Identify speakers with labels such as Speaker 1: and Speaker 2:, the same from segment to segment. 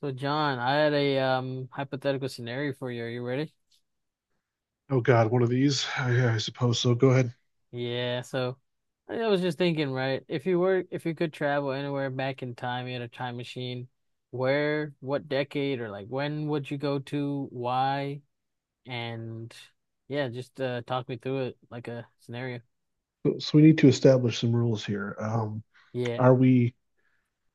Speaker 1: So John, I had a hypothetical scenario for you. Are you ready?
Speaker 2: Oh God, one of these. I suppose so. Go ahead.
Speaker 1: So I was just thinking, right? If you could travel anywhere back in time, you had a time machine, where, what decade or like when would you go to, why, and yeah, just talk me through it like a scenario.
Speaker 2: So we need to establish some rules here.
Speaker 1: Yeah.
Speaker 2: Are we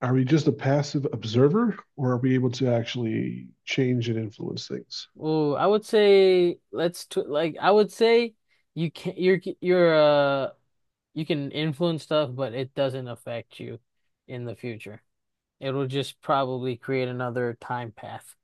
Speaker 2: are we just a passive observer, or are we able to actually change and influence things?
Speaker 1: Well, I would say let's t like I would say you can you can influence stuff, but it doesn't affect you in the future. It'll just probably create another time path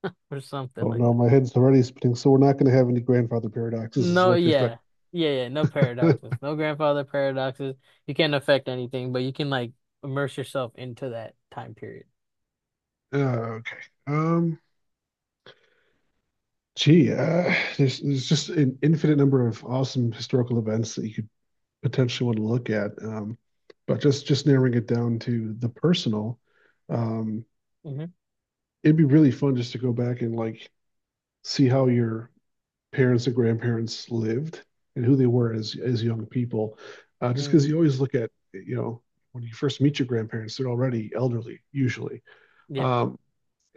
Speaker 1: or something
Speaker 2: Oh
Speaker 1: like
Speaker 2: no,
Speaker 1: that.
Speaker 2: my head's already spinning. So we're not going to have any grandfather paradoxes, is
Speaker 1: No,
Speaker 2: what you're saying?
Speaker 1: yeah. Yeah, yeah, no paradoxes.
Speaker 2: uh,
Speaker 1: No grandfather paradoxes. You can't affect anything, but you can like immerse yourself into that time period.
Speaker 2: okay. Um, there's just an infinite number of awesome historical events that you could potentially want to look at. But just narrowing it down to the personal. Um,
Speaker 1: Hmm.
Speaker 2: It'd be really fun just to go back and like see how your parents and grandparents lived and who they were as young people. Just because
Speaker 1: Mm,
Speaker 2: you always look at, you know, when you first meet your grandparents, they're already elderly usually,
Speaker 1: yeah.
Speaker 2: um,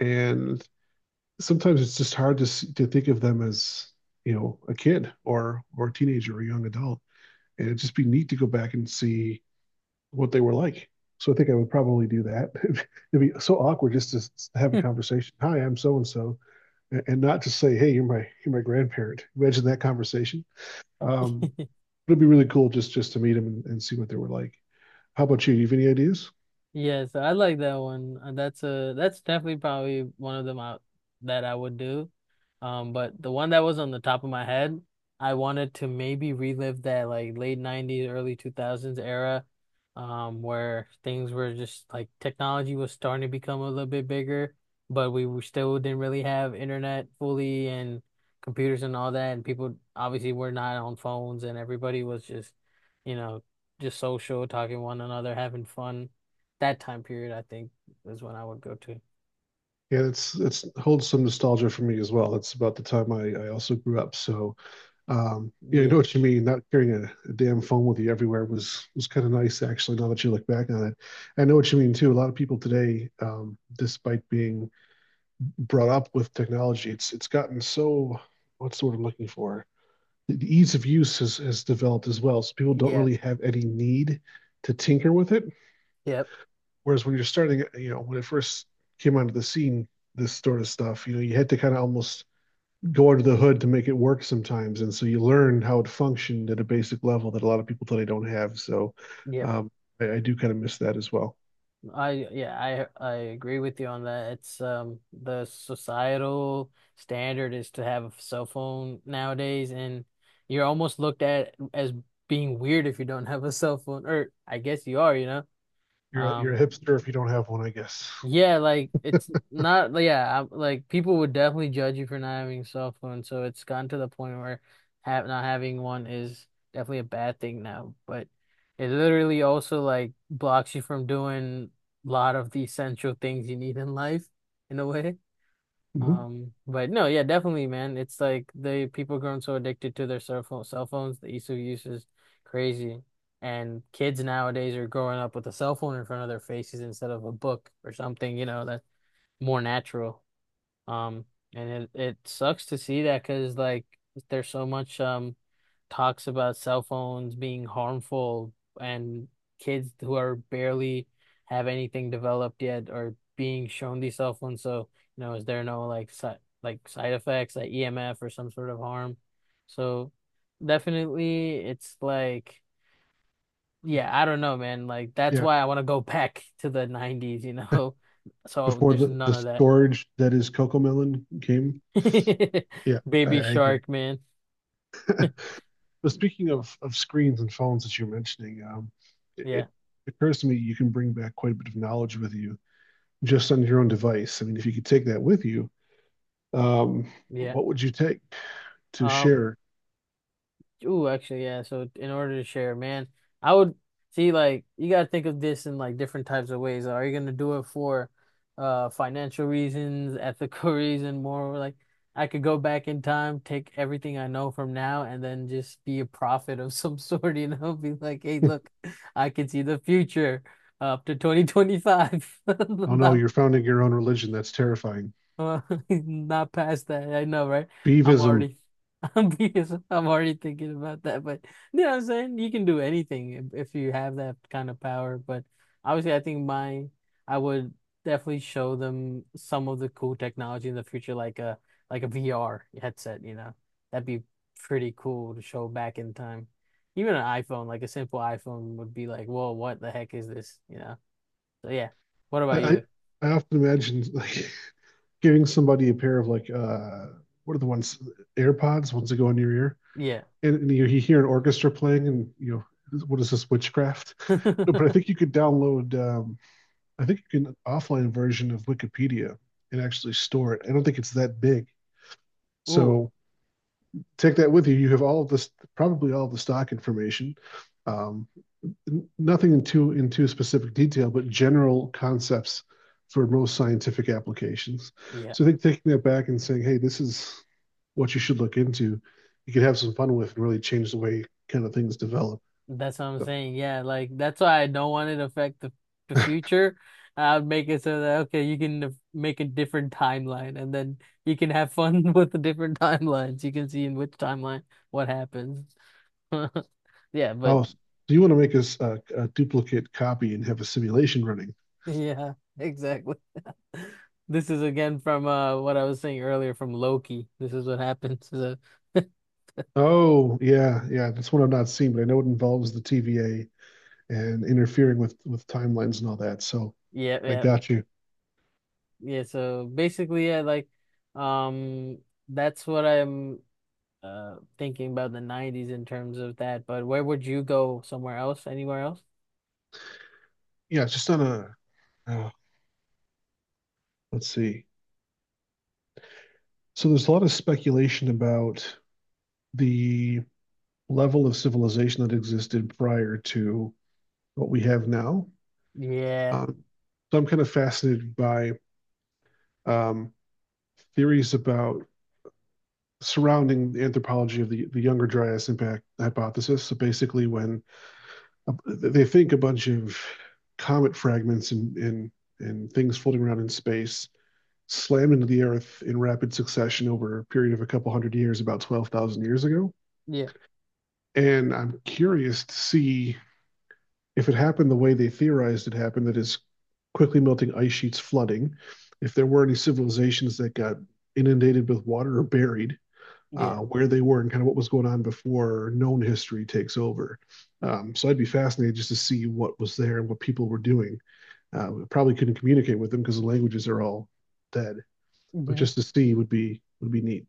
Speaker 2: and sometimes it's just hard to think of them as, you know, a kid or a teenager or a young adult, and it'd just be neat to go back and see what they were like. So I think I would probably do that. It'd be so awkward just to have a conversation. Hi, I'm so and so and, not just say, "Hey, you're my grandparent." Imagine that conversation. Um, It'd be really cool just to meet them and see what they were like. How about you? Do you have any ideas?
Speaker 1: Yes, I like that one. That's definitely probably one of them out that I would do. But the one that was on the top of my head, I wanted to maybe relive that like late 90s, early 2000s era, where things were just like technology was starting to become a little bit bigger, but we were still didn't really have internet fully and computers and all that, and people obviously were not on phones and everybody was just, you know, just social, talking to one another, having fun that time period, I think, is when I would go to.
Speaker 2: Yeah, it's holds some nostalgia for me as well. That's about the time I also grew up. So, yeah, I know
Speaker 1: Yeah.
Speaker 2: what you mean. Not carrying a damn phone with you everywhere was kind of nice actually. Now that you look back on it, I know what you mean too. A lot of people today, despite being brought up with technology, it's gotten so, what's the word I'm looking for? The ease of use has developed as well. So people don't
Speaker 1: Yeah.
Speaker 2: really have any need to tinker with it.
Speaker 1: Yep.
Speaker 2: Whereas when you're starting, you know, when it first came onto the scene, this sort of stuff, you know, you had to kind of almost go under the hood to make it work sometimes. And so you learn how it functioned at a basic level that a lot of people today don't have. So
Speaker 1: Yep.
Speaker 2: um, I do kind of miss that as well.
Speaker 1: I yeah, I agree with you on that. It's the societal standard is to have a cell phone nowadays, and you're almost looked at as being weird if you don't have a cell phone. Or I guess you are, you know.
Speaker 2: You're a
Speaker 1: Um
Speaker 2: hipster if you don't have one, I guess.
Speaker 1: Yeah, like it's not like, yeah, I like people would definitely judge you for not having a cell phone, so it's gotten to the point where have not having one is definitely a bad thing now, but it literally also like blocks you from doing a lot of the essential things you need in life in a way.
Speaker 2: Mhm.
Speaker 1: But no, yeah, definitely, man. It's like the people grown so addicted to their cell phones, the ease of use is crazy. And kids nowadays are growing up with a cell phone in front of their faces instead of a book or something, you know, that's more natural. Um, and it sucks to see that because like there's so much talks about cell phones being harmful, and kids who are barely have anything developed yet are being shown these cell phones. So, you know, is there no like side effects, like EMF or some sort of harm? So definitely it's like yeah, I don't know, man. Like that's
Speaker 2: Yeah.
Speaker 1: why I want to go back to the 90s, you know. So
Speaker 2: Before
Speaker 1: there's none
Speaker 2: the
Speaker 1: of
Speaker 2: storage that is Cocomelon came.
Speaker 1: that.
Speaker 2: Yeah, I,
Speaker 1: Baby
Speaker 2: I agree.
Speaker 1: Shark, man.
Speaker 2: But speaking of screens and phones that you're mentioning, it,
Speaker 1: Yeah.
Speaker 2: it occurs to me you can bring back quite a bit of knowledge with you just on your own device. I mean, if you could take that with you, um,
Speaker 1: Yeah.
Speaker 2: what would you take to
Speaker 1: Um,
Speaker 2: share?
Speaker 1: Ooh, actually, yeah. So in order to share, man, I would see like you gotta think of this in like different types of ways. Like, are you gonna do it for financial reasons, ethical reason, more like I could go back in time, take everything I know from now, and then just be a prophet of some sort, you know, be like, hey,
Speaker 2: oh
Speaker 1: look, I can see the future up to 2025.
Speaker 2: no,
Speaker 1: Not
Speaker 2: you're founding your own religion. That's terrifying.
Speaker 1: uh, not past that. I know, right? I'm
Speaker 2: Beavism.
Speaker 1: already, I'm because I'm already thinking about that. But you know what I'm saying? You can do anything if you have that kind of power. But obviously, I would definitely show them some of the cool technology in the future, like a VR headset. You know, that'd be pretty cool to show back in time. Even an iPhone, like a simple iPhone, would be like, whoa, what the heck is this? You know? So yeah. What
Speaker 2: I,
Speaker 1: about
Speaker 2: I,
Speaker 1: you?
Speaker 2: I often imagine like giving somebody a pair of like what are the ones, AirPods, ones that go in your ear,
Speaker 1: Yeah.
Speaker 2: and you hear an orchestra playing, and you know, what is this witchcraft? No, but I think you could download, I think you can offline version of Wikipedia and actually store it. I don't think it's that big.
Speaker 1: Ooh.
Speaker 2: So take that with you. You have all of this, probably all of the stock information. Um, nothing in too specific detail, but general concepts for most scientific applications.
Speaker 1: Yeah.
Speaker 2: So I think taking that back and saying, hey, this is what you should look into. You could have some fun with and really change the way kind of things develop.
Speaker 1: That's what I'm
Speaker 2: So,
Speaker 1: saying. Yeah, like that's why I don't want it to affect the future. I'd make it so that okay, you can def- make a different timeline, and then you can have fun with the different timelines. You can see in which timeline what happens. Yeah, but
Speaker 2: oh, so you want to make us a duplicate copy and have a simulation running?
Speaker 1: yeah, exactly. This is again from what I was saying earlier from Loki. This is what happens. So, yeah,
Speaker 2: Oh, yeah, yeah. That's one I've not seen, but I know it involves the TVA and interfering with timelines and all that. So I
Speaker 1: yeah,
Speaker 2: got you.
Speaker 1: yeah. So basically, yeah, like, um, that's what I'm thinking about the 90s in terms of that, but where would you go somewhere else? Anywhere else?
Speaker 2: Yeah, it's just on a uh, let's see. So there's a lot of speculation about the level of civilization that existed prior to what we have now.
Speaker 1: Yeah.
Speaker 2: Um, so I'm kind of fascinated by, um, theories about surrounding the anthropology of the Younger Dryas impact hypothesis. So basically, when they think a bunch of comet fragments and, and things floating around in space slammed into the Earth in rapid succession over a period of a couple hundred years, about 12,000 years ago.
Speaker 1: Yeah.
Speaker 2: And I'm curious to see if it happened the way they theorized it happened, that is, quickly melting ice sheets flooding, if there were any civilizations that got inundated with water or buried,
Speaker 1: Yeah.
Speaker 2: where they were and kind of what was going on before known history takes over. So I'd be fascinated just to see what was there and what people were doing. We probably couldn't communicate with them because the languages are all dead, but
Speaker 1: Hmm.
Speaker 2: just to see would be neat.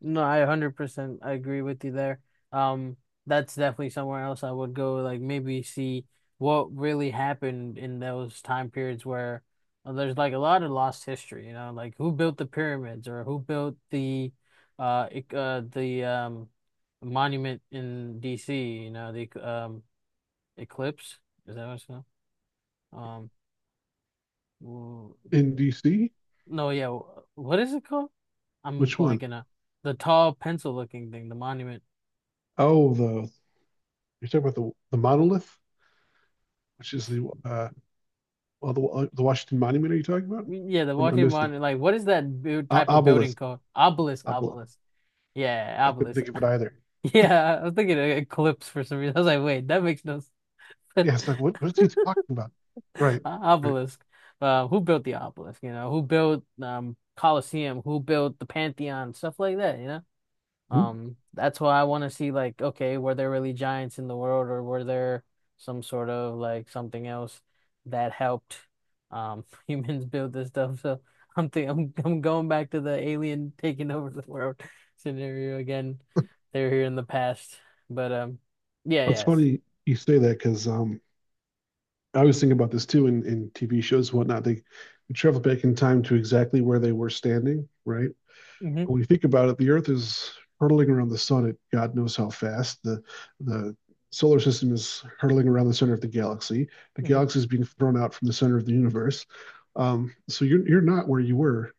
Speaker 1: No, I 100% I agree with you there. Um that's definitely somewhere else I would go, like maybe see what really happened in those time periods where there's like a lot of lost history, you know, like who built the pyramids or who built the uh, ec- uh the um monument in DC, you know, the eclipse. Is that what it's called? Um, w-
Speaker 2: In DC,
Speaker 1: no, yeah. What is it called? I'm
Speaker 2: which one?
Speaker 1: blanking out. The tall pencil looking thing, the monument.
Speaker 2: Oh, the you're talking about the monolith, which is the well, the Washington Monument. Are you talking about?
Speaker 1: Yeah, the
Speaker 2: Or am I
Speaker 1: Washington
Speaker 2: missing
Speaker 1: Monument. Like, what is that build type of building
Speaker 2: obelisk?
Speaker 1: called?
Speaker 2: Obelisk.
Speaker 1: Obelisk. Yeah,
Speaker 2: I couldn't
Speaker 1: obelisk.
Speaker 2: think of it either.
Speaker 1: Yeah, I was thinking of eclipse for some reason. I was like, wait, that makes no sense.
Speaker 2: Yeah, it's like, what is he talking about? Right, right.
Speaker 1: Obelisk. Who built the obelisk? You know, who built Colosseum? Who built the Pantheon? Stuff like that. You know.
Speaker 2: Hmm?
Speaker 1: That's why I want to see like, okay, were there really giants in the world, or were there some sort of like something else that helped humans build this stuff? So I'm think I'm going back to the alien taking over the world scenario again. They're here in the past. But yeah,
Speaker 2: It's
Speaker 1: yes.
Speaker 2: funny you say that because, I was thinking about this too in TV shows, and whatnot. They travel back in time to exactly where they were standing, right?
Speaker 1: Mm-hmm.
Speaker 2: When you think about it, the Earth is hurtling around the sun at God knows how fast. The solar system is hurtling around the center of the galaxy. The
Speaker 1: Hmm.
Speaker 2: galaxy is being thrown out from the center of the universe. So you're not where you were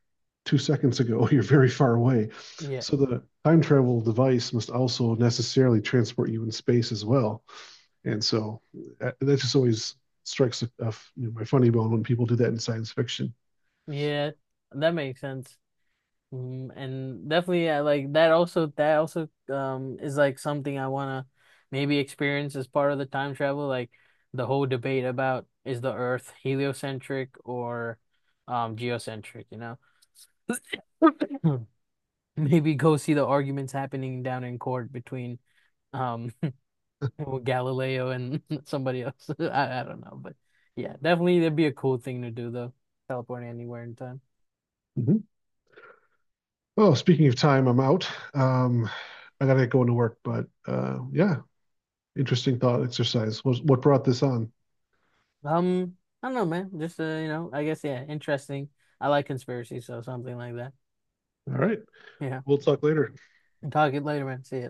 Speaker 2: 2 seconds ago. You're very far away.
Speaker 1: Yeah.
Speaker 2: So the time travel device must also necessarily transport you in space as well. And so that just always strikes a f- you know, my funny bone when people do that in science fiction.
Speaker 1: Yeah, that makes sense. Mm, and definitely like that also is like something I wanna maybe experience as part of the time travel, like the whole debate about is the Earth heliocentric or geocentric, you know? Maybe go see the arguments happening down in court between um Galileo and somebody else. I don't know, but yeah, definitely that'd be a cool thing to do though. Teleporting anywhere in time.
Speaker 2: Mhm. Well, speaking of time, I'm out. Um, I gotta get going to work, but yeah, interesting thought exercise. What brought this on?
Speaker 1: Um, I don't know, man. Just you know, I guess yeah, interesting. I like conspiracy, so something like that.
Speaker 2: All right,
Speaker 1: Yeah.
Speaker 2: we'll talk later.
Speaker 1: Talk it later, man. See ya.